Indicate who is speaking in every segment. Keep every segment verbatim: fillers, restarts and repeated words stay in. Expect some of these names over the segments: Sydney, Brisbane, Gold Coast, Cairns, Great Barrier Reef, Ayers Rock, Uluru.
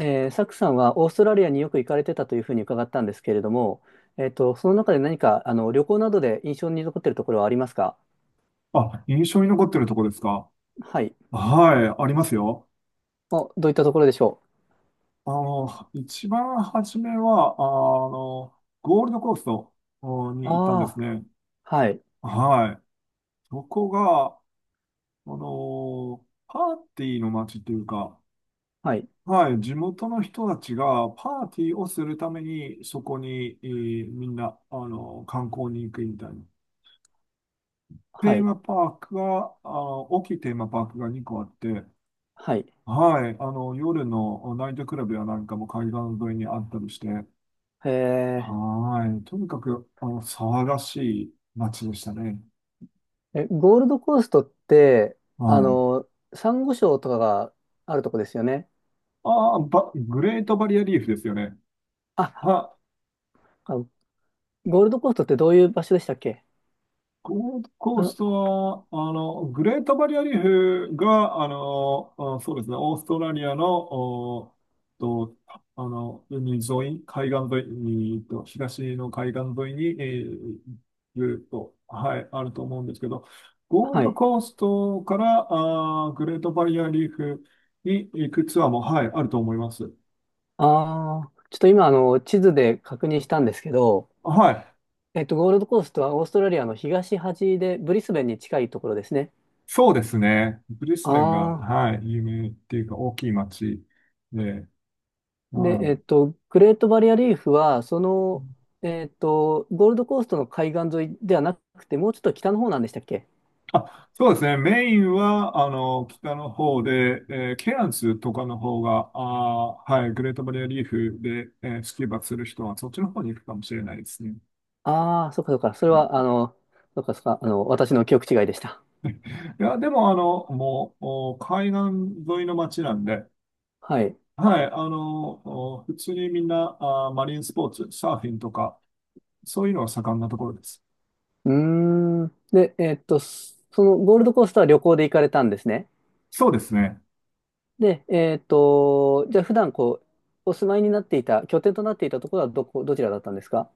Speaker 1: えー、サクさんはオーストラリアによく行かれてたというふうに伺ったんですけれども、えっと、その中で何かあの旅行などで印象に残っているところはありますか？
Speaker 2: あ、印象に残ってるとこですか。
Speaker 1: はい。
Speaker 2: はい、ありますよ。
Speaker 1: お、どういったところでしょ
Speaker 2: あの、一番初めは、あの、ゴールドコースト
Speaker 1: う？
Speaker 2: に行ったん
Speaker 1: あ
Speaker 2: です
Speaker 1: あ
Speaker 2: ね。
Speaker 1: ー、はい、
Speaker 2: はい。そこが、あの、パーティーの街っていうか、
Speaker 1: はい、
Speaker 2: はい、地元の人たちがパーティーをするために、そこに、えーみんな、あの、観光に行くみたいな。
Speaker 1: は
Speaker 2: テー
Speaker 1: い、
Speaker 2: マパークが、あの、大きいテーマパークがにこあって、
Speaker 1: はい。
Speaker 2: はい。あの、夜のナイトクラブやなんかも海岸沿いにあったりして、
Speaker 1: え
Speaker 2: はい。とにかく、あの、騒がしい街でしたね。
Speaker 1: ー、え、ゴールドコーストって、
Speaker 2: は
Speaker 1: あ
Speaker 2: い。
Speaker 1: の、サンゴ礁とかがあるとこですよね。
Speaker 2: ああ、ばグレートバリアリーフですよね。
Speaker 1: あ、
Speaker 2: は、
Speaker 1: あのゴールドコーストってどういう場所でしたっけ？
Speaker 2: ゴールドコースト
Speaker 1: あ
Speaker 2: は、あの、グレートバリアリーフが、あの、あそうですね、オーストラリアの、おと、あの、海沿い、海岸沿いに、えっと、東の海岸沿いに、えーずっと、はい、あると思うんですけど、ゴール
Speaker 1: は
Speaker 2: ド
Speaker 1: い。
Speaker 2: コーストから、あー、グレートバリアリーフに行くツアーも、はい、あると思います。
Speaker 1: ああ、ちょっと今、あの、地図で確認したんですけど、
Speaker 2: はい、
Speaker 1: えっと、ゴールドコーストはオーストラリアの東端で、ブリスベンに近いところですね。
Speaker 2: そうですね。ブリス
Speaker 1: あ
Speaker 2: ベンが、
Speaker 1: あ。
Speaker 2: はい、有名っていうか、大きい街で、
Speaker 1: で、
Speaker 2: は
Speaker 1: えっ
Speaker 2: い。
Speaker 1: と、グレートバリアリーフは、その、えっと、ゴールドコーストの海岸沿いではなくて、もうちょっと北の方なんでしたっけ？
Speaker 2: あ、そうですね。メインは、あの、北の方で、えーケアンズとかの方が、あー、はい、グレートバリアリーフで、えースキューバする人は、そっちの方に行くかもしれないですね。
Speaker 1: ああー、そっかそっか。それは、あの、そっかそっか、あの、私の記憶違いでした。
Speaker 2: いや、でも、あの、もう、お海岸沿いの街なんで、
Speaker 1: はい。
Speaker 2: はい、あの、お普通にみんな、あー、マリンスポーツ、サーフィンとか、そういうのが盛んなところです。
Speaker 1: うーん。で、えっと、そそのゴールドコーストは旅行で行かれたんですね。
Speaker 2: そうですね。
Speaker 1: で、えっと、じゃあ普段こう、お住まいになっていた、拠点となっていたところはどこ、どちらだったんですか？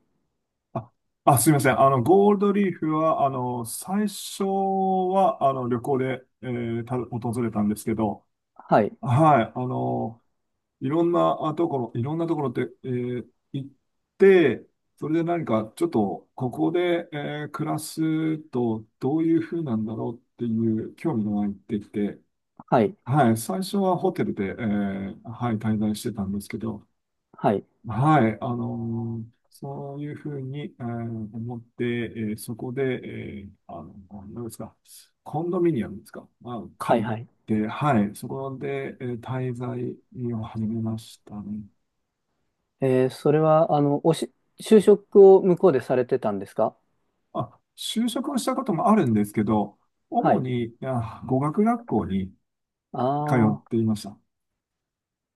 Speaker 2: あ、あすみません。あの、ゴールドリーフは、あの、最初は、あの、旅行で、えーた、訪れたんですけど、
Speaker 1: はい。
Speaker 2: はい、あの、いろんなあところ、いろんなところって、えー行って、それで何か、ちょっと、ここで、えー暮らすと、どういう風なんだろうっていう興味が湧いてきて、
Speaker 1: はい、
Speaker 2: はい、最初はホテルで、えーはい、滞在してたんですけど、
Speaker 1: はい、
Speaker 2: はい、あのーそういうふうに、えー思って、えーそこで、えーあの、何ですか、コンドミニアムですか、まあ、
Speaker 1: はい、
Speaker 2: 借り
Speaker 1: はい。
Speaker 2: て、はい、そこで、えー滞在を始めましたね。
Speaker 1: えー、それは、あの、おし、就職を向こうでされてたんですか？
Speaker 2: あ、就職をしたこともあるんですけど、
Speaker 1: は
Speaker 2: 主
Speaker 1: い。
Speaker 2: に、あ、語学学校に通っ
Speaker 1: ああ、
Speaker 2: ていました。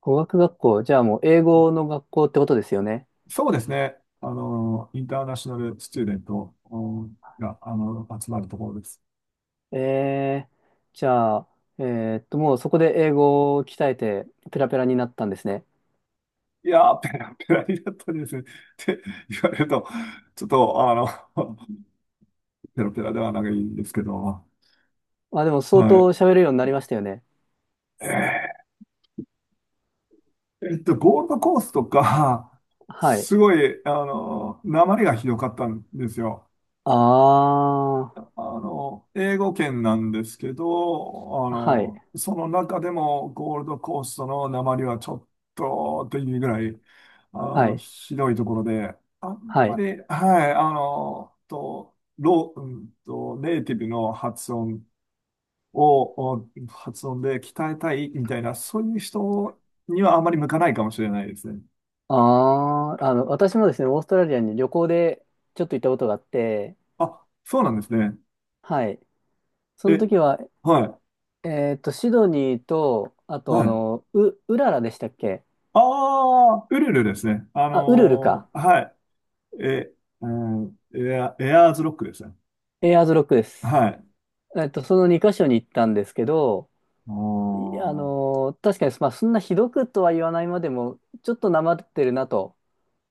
Speaker 1: 語学学校。じゃあもう英語の学校ってことですよね。
Speaker 2: そうですね、あのーインターナショナルスチューデントおが、あの、集まるところです。
Speaker 1: えー、じゃあ、えーっと、もうそこで英語を鍛えてペラペラになったんですね。
Speaker 2: いやー、ペラペラになったんですね。って言われると、ちょっと、あの、ペラペラではないんですけど、
Speaker 1: まあでも相
Speaker 2: は
Speaker 1: 当
Speaker 2: い。
Speaker 1: 喋るようになりましたよね。
Speaker 2: えっと、ゴールドコーストとか、
Speaker 1: はい。
Speaker 2: すごい、あの、訛りがひどかったんですよ。
Speaker 1: ああ、
Speaker 2: あの、英語圏なんですけど、あ
Speaker 1: はい、
Speaker 2: の、その中でもゴールドコーストの訛りはちょっとっていうぐらい、あ
Speaker 1: は
Speaker 2: の、
Speaker 1: い、
Speaker 2: ひどいところで、あん
Speaker 1: は
Speaker 2: ま
Speaker 1: い。
Speaker 2: り、はい、あの、と、ロー、うんと、ネイティブの発音を、お発音で鍛えたいみたいな、そういう人にはあまり向かないかもしれないですね。
Speaker 1: ああ、あの、私もですね、オーストラリアに旅行でちょっと行ったことがあって、
Speaker 2: あ、そうなんですね。
Speaker 1: はい。その
Speaker 2: え、
Speaker 1: 時は
Speaker 2: はい、
Speaker 1: えっと、シドニーと、あと、
Speaker 2: は
Speaker 1: あ
Speaker 2: い。
Speaker 1: の、う、ウララでしたっけ？
Speaker 2: ああ、ウルルですね。あ
Speaker 1: あ、ウルルか。
Speaker 2: の、はい。え、うん、エア、エアーズロックですね。
Speaker 1: エアーズロックです。
Speaker 2: はい。
Speaker 1: えっと、そのに箇所に行ったんですけど、
Speaker 2: お
Speaker 1: いあ
Speaker 2: ー、
Speaker 1: のー、確かに、まあ、そんなひどくとは言わないまでも、ちょっとなまってるなと、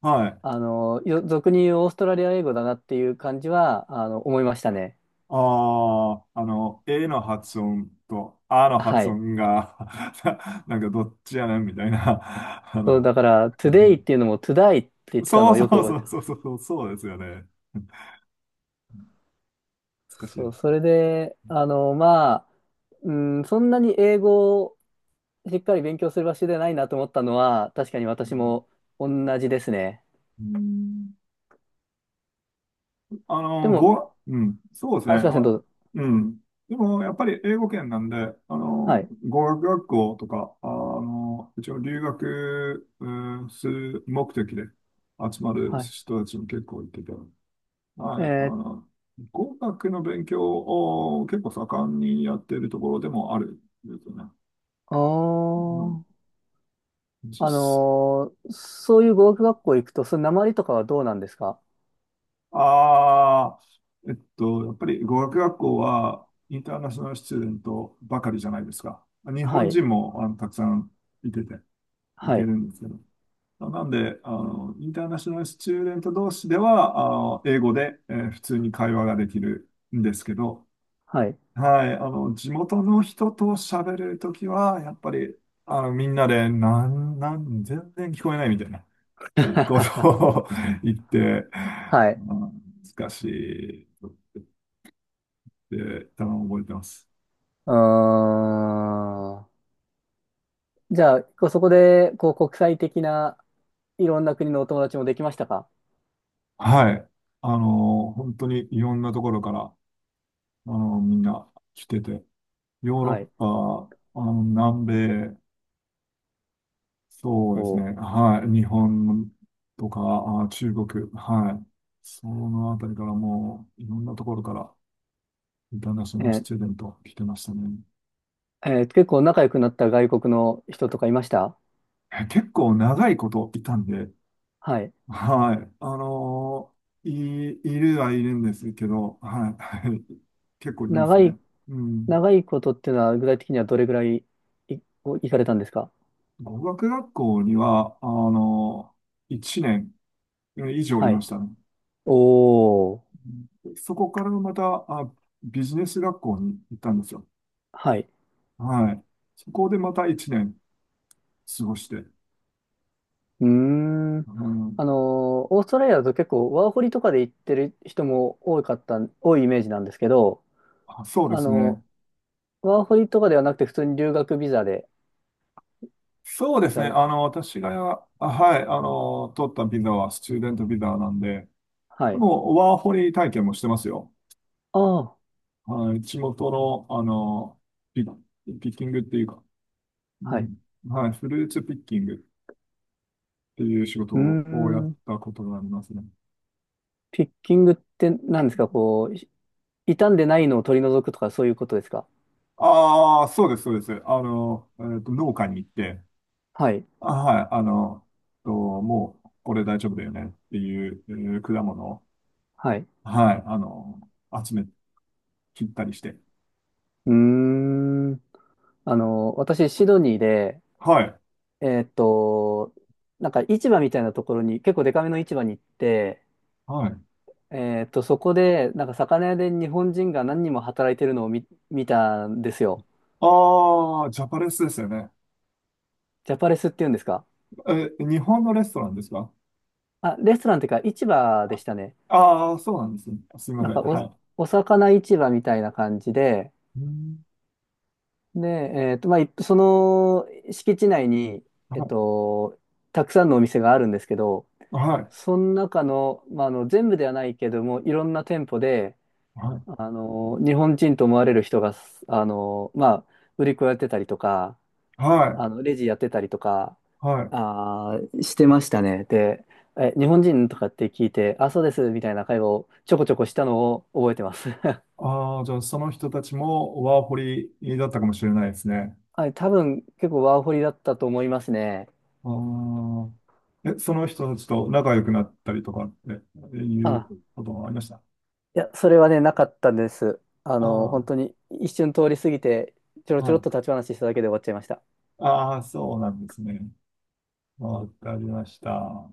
Speaker 2: はい。
Speaker 1: あのー、よ俗に言うオーストラリア英語だなっていう感じは、あの、思いましたね。
Speaker 2: ああ、あの、A の発音と A の
Speaker 1: は
Speaker 2: 発
Speaker 1: い。
Speaker 2: 音が なんかどっちやねんみたいな。あ
Speaker 1: そう、
Speaker 2: の、
Speaker 1: だから、トゥデイっていうのも、トゥダイって言ってた
Speaker 2: そ
Speaker 1: の
Speaker 2: う
Speaker 1: を
Speaker 2: そ
Speaker 1: よく
Speaker 2: う
Speaker 1: 覚
Speaker 2: そ
Speaker 1: えて
Speaker 2: う
Speaker 1: ま
Speaker 2: そう
Speaker 1: す。
Speaker 2: そう、そうですよね。難し
Speaker 1: そ
Speaker 2: い。
Speaker 1: う、それで、あのまあ、うん、そんなに英語しっかり勉強する場所でないなと思ったのは、確かに
Speaker 2: う
Speaker 1: 私
Speaker 2: ん
Speaker 1: も同じですね。
Speaker 2: うんあ
Speaker 1: で
Speaker 2: の、
Speaker 1: も、
Speaker 2: ご、うん、そうですね。
Speaker 1: あ、すいません、ど
Speaker 2: あ、
Speaker 1: うぞ。
Speaker 2: うん。でも、やっぱり英語圏なんで、あ
Speaker 1: は
Speaker 2: の、
Speaker 1: い。
Speaker 2: 語学学校とか、あの、一応留学、うん、する目的で集まる
Speaker 1: はい。
Speaker 2: 人たちも結構いてて、
Speaker 1: え
Speaker 2: はい、あ
Speaker 1: ー、
Speaker 2: の、語学の勉強を結構盛んにやっているところでもあるんですよね。
Speaker 1: あ
Speaker 2: うん、
Speaker 1: ー、あ
Speaker 2: 実
Speaker 1: のーそういう語学学校行くと、その訛りとかはどうなんですか？
Speaker 2: ああ、えっと、やっぱり語学学校はインターナショナルスチューデントばかりじゃないですか。日
Speaker 1: は
Speaker 2: 本
Speaker 1: い。
Speaker 2: 人もあのたくさんいてて、い
Speaker 1: は
Speaker 2: てる
Speaker 1: い。
Speaker 2: んですけど。なんで、あの、インターナショナルスチューデント同士では、あの、英語で、えー普通に会話ができるんですけど、
Speaker 1: はい。
Speaker 2: はい、あの、地元の人と喋るときは、やっぱり、あの、みんなで、なん、なん、全然聞こえないみたいな。いいこと を 言って、
Speaker 1: はい。
Speaker 2: うん、難しいって多分覚えてます。
Speaker 1: うーん。じゃあ、こうそこで、こう、国際的ないろんな国のお友達もできましたか？
Speaker 2: はい。あの、本当にいろんなところから、あの、みんな来てて、ヨー
Speaker 1: は
Speaker 2: ロ
Speaker 1: い。
Speaker 2: ッパ、あの、南米、そうですね。
Speaker 1: お、
Speaker 2: はい。日本とか、あ、中国、はい。そのあたりからもう、いろんなところから、インターナショ
Speaker 1: え
Speaker 2: ナルス
Speaker 1: ー
Speaker 2: チューデント来てましたね。
Speaker 1: えー結構仲良くなった外国の人とかいました？
Speaker 2: え結構長いこといたんで、
Speaker 1: はい。
Speaker 2: はい。あのーい、いるはいるんですけど、はい。はい。結構います
Speaker 1: 長
Speaker 2: ね。
Speaker 1: い、
Speaker 2: うん。
Speaker 1: 長いことっていうのは具体的にはどれぐらいい、お行かれたんですか？
Speaker 2: 語学学校には、あのー、いちねん以上い
Speaker 1: は
Speaker 2: ま
Speaker 1: い。
Speaker 2: したね。
Speaker 1: おー。
Speaker 2: うん、そこからまた、あ、ビジネス学校に行ったんですよ。
Speaker 1: はい。
Speaker 2: はい。そこでまたいちねん過ごして。
Speaker 1: うーん。
Speaker 2: うん、
Speaker 1: あのオーストラリアだと結構ワーホリとかで行ってる人も多かった、多いイメージなんですけど、
Speaker 2: あ、そうで
Speaker 1: あ
Speaker 2: すね。
Speaker 1: のワーホリとかではなくて普通に留学ビザで
Speaker 2: そうで
Speaker 1: 行
Speaker 2: す
Speaker 1: か
Speaker 2: ね。
Speaker 1: れ
Speaker 2: あ
Speaker 1: た。
Speaker 2: の、私が、あ、はい、あの、取ったビザはスチューデントビザなんで、
Speaker 1: は
Speaker 2: で
Speaker 1: い。
Speaker 2: も、ワーホリ体験もしてますよ。
Speaker 1: ああ、
Speaker 2: はい、地元の、あの、ピ、ピッキングっていうか、う
Speaker 1: はい。
Speaker 2: ん。はい、フルーツピッキングっていう仕事
Speaker 1: うー
Speaker 2: をやっ
Speaker 1: ん。
Speaker 2: たことがありますね。
Speaker 1: ピッキングって何ですかこう、傷んでないのを取り除くとかそういうことですか？
Speaker 2: ああ、そうです、そうです。あの、えっと、農家に行って、
Speaker 1: はい。
Speaker 2: あ、はい、あの、と、もう、これ大丈夫だよねっていう、えー果物を、
Speaker 1: はい。
Speaker 2: はい、あの、集め、切ったりして。
Speaker 1: うーん。あの、私、シドニーで、
Speaker 2: はい、
Speaker 1: えーっと、なんか市場みたいなところに、結構デカめの市場に行って、
Speaker 2: はい。
Speaker 1: えーっと、そこで、なんか魚屋で日本人が何人も働いてるのを見、見たんですよ。
Speaker 2: ああ、ジャパレスですよね。
Speaker 1: ジャパレスっていうんですか？
Speaker 2: え、日本のレストランですか？
Speaker 1: あ、レストランっていうか市場でしたね。
Speaker 2: ああー、そうなんですね。すみま
Speaker 1: な
Speaker 2: せ
Speaker 1: ん
Speaker 2: ん。
Speaker 1: か
Speaker 2: は
Speaker 1: お、
Speaker 2: い。
Speaker 1: お魚市場みたいな感じで、
Speaker 2: うん、
Speaker 1: で、えーっと、まあ、いその敷地内に、えっと、たくさんのお店があるんですけど、
Speaker 2: はい、
Speaker 1: その中の、まあ、あの全部ではないけども、いろんな店舗で、
Speaker 2: はい、
Speaker 1: あの、日本人と思われる人が、あの、まあ、売り子やってたりとか、
Speaker 2: は
Speaker 1: あの、レジやってたりとか、
Speaker 2: い、はい。
Speaker 1: あー、してましたね。で、え、日本人とかって聞いて、あ、そうです、みたいな会話をちょこちょこしたのを覚えてます。
Speaker 2: ああ、じゃあその人たちもワーホリだったかもしれないですね。
Speaker 1: はい、多分結構ワーホリだったと思いますね。
Speaker 2: ああ。え、その人たちと仲良くなったりとかっていう
Speaker 1: あ、
Speaker 2: こともありました。
Speaker 1: いや、それはね、なかったんです。あの、本
Speaker 2: あ
Speaker 1: 当
Speaker 2: あ、
Speaker 1: に一瞬通り過ぎて、ちょろち
Speaker 2: は
Speaker 1: ょろっと
Speaker 2: い。
Speaker 1: 立ち話しただけで終わっちゃいました。
Speaker 2: ああ、そうなんですね。わかりました。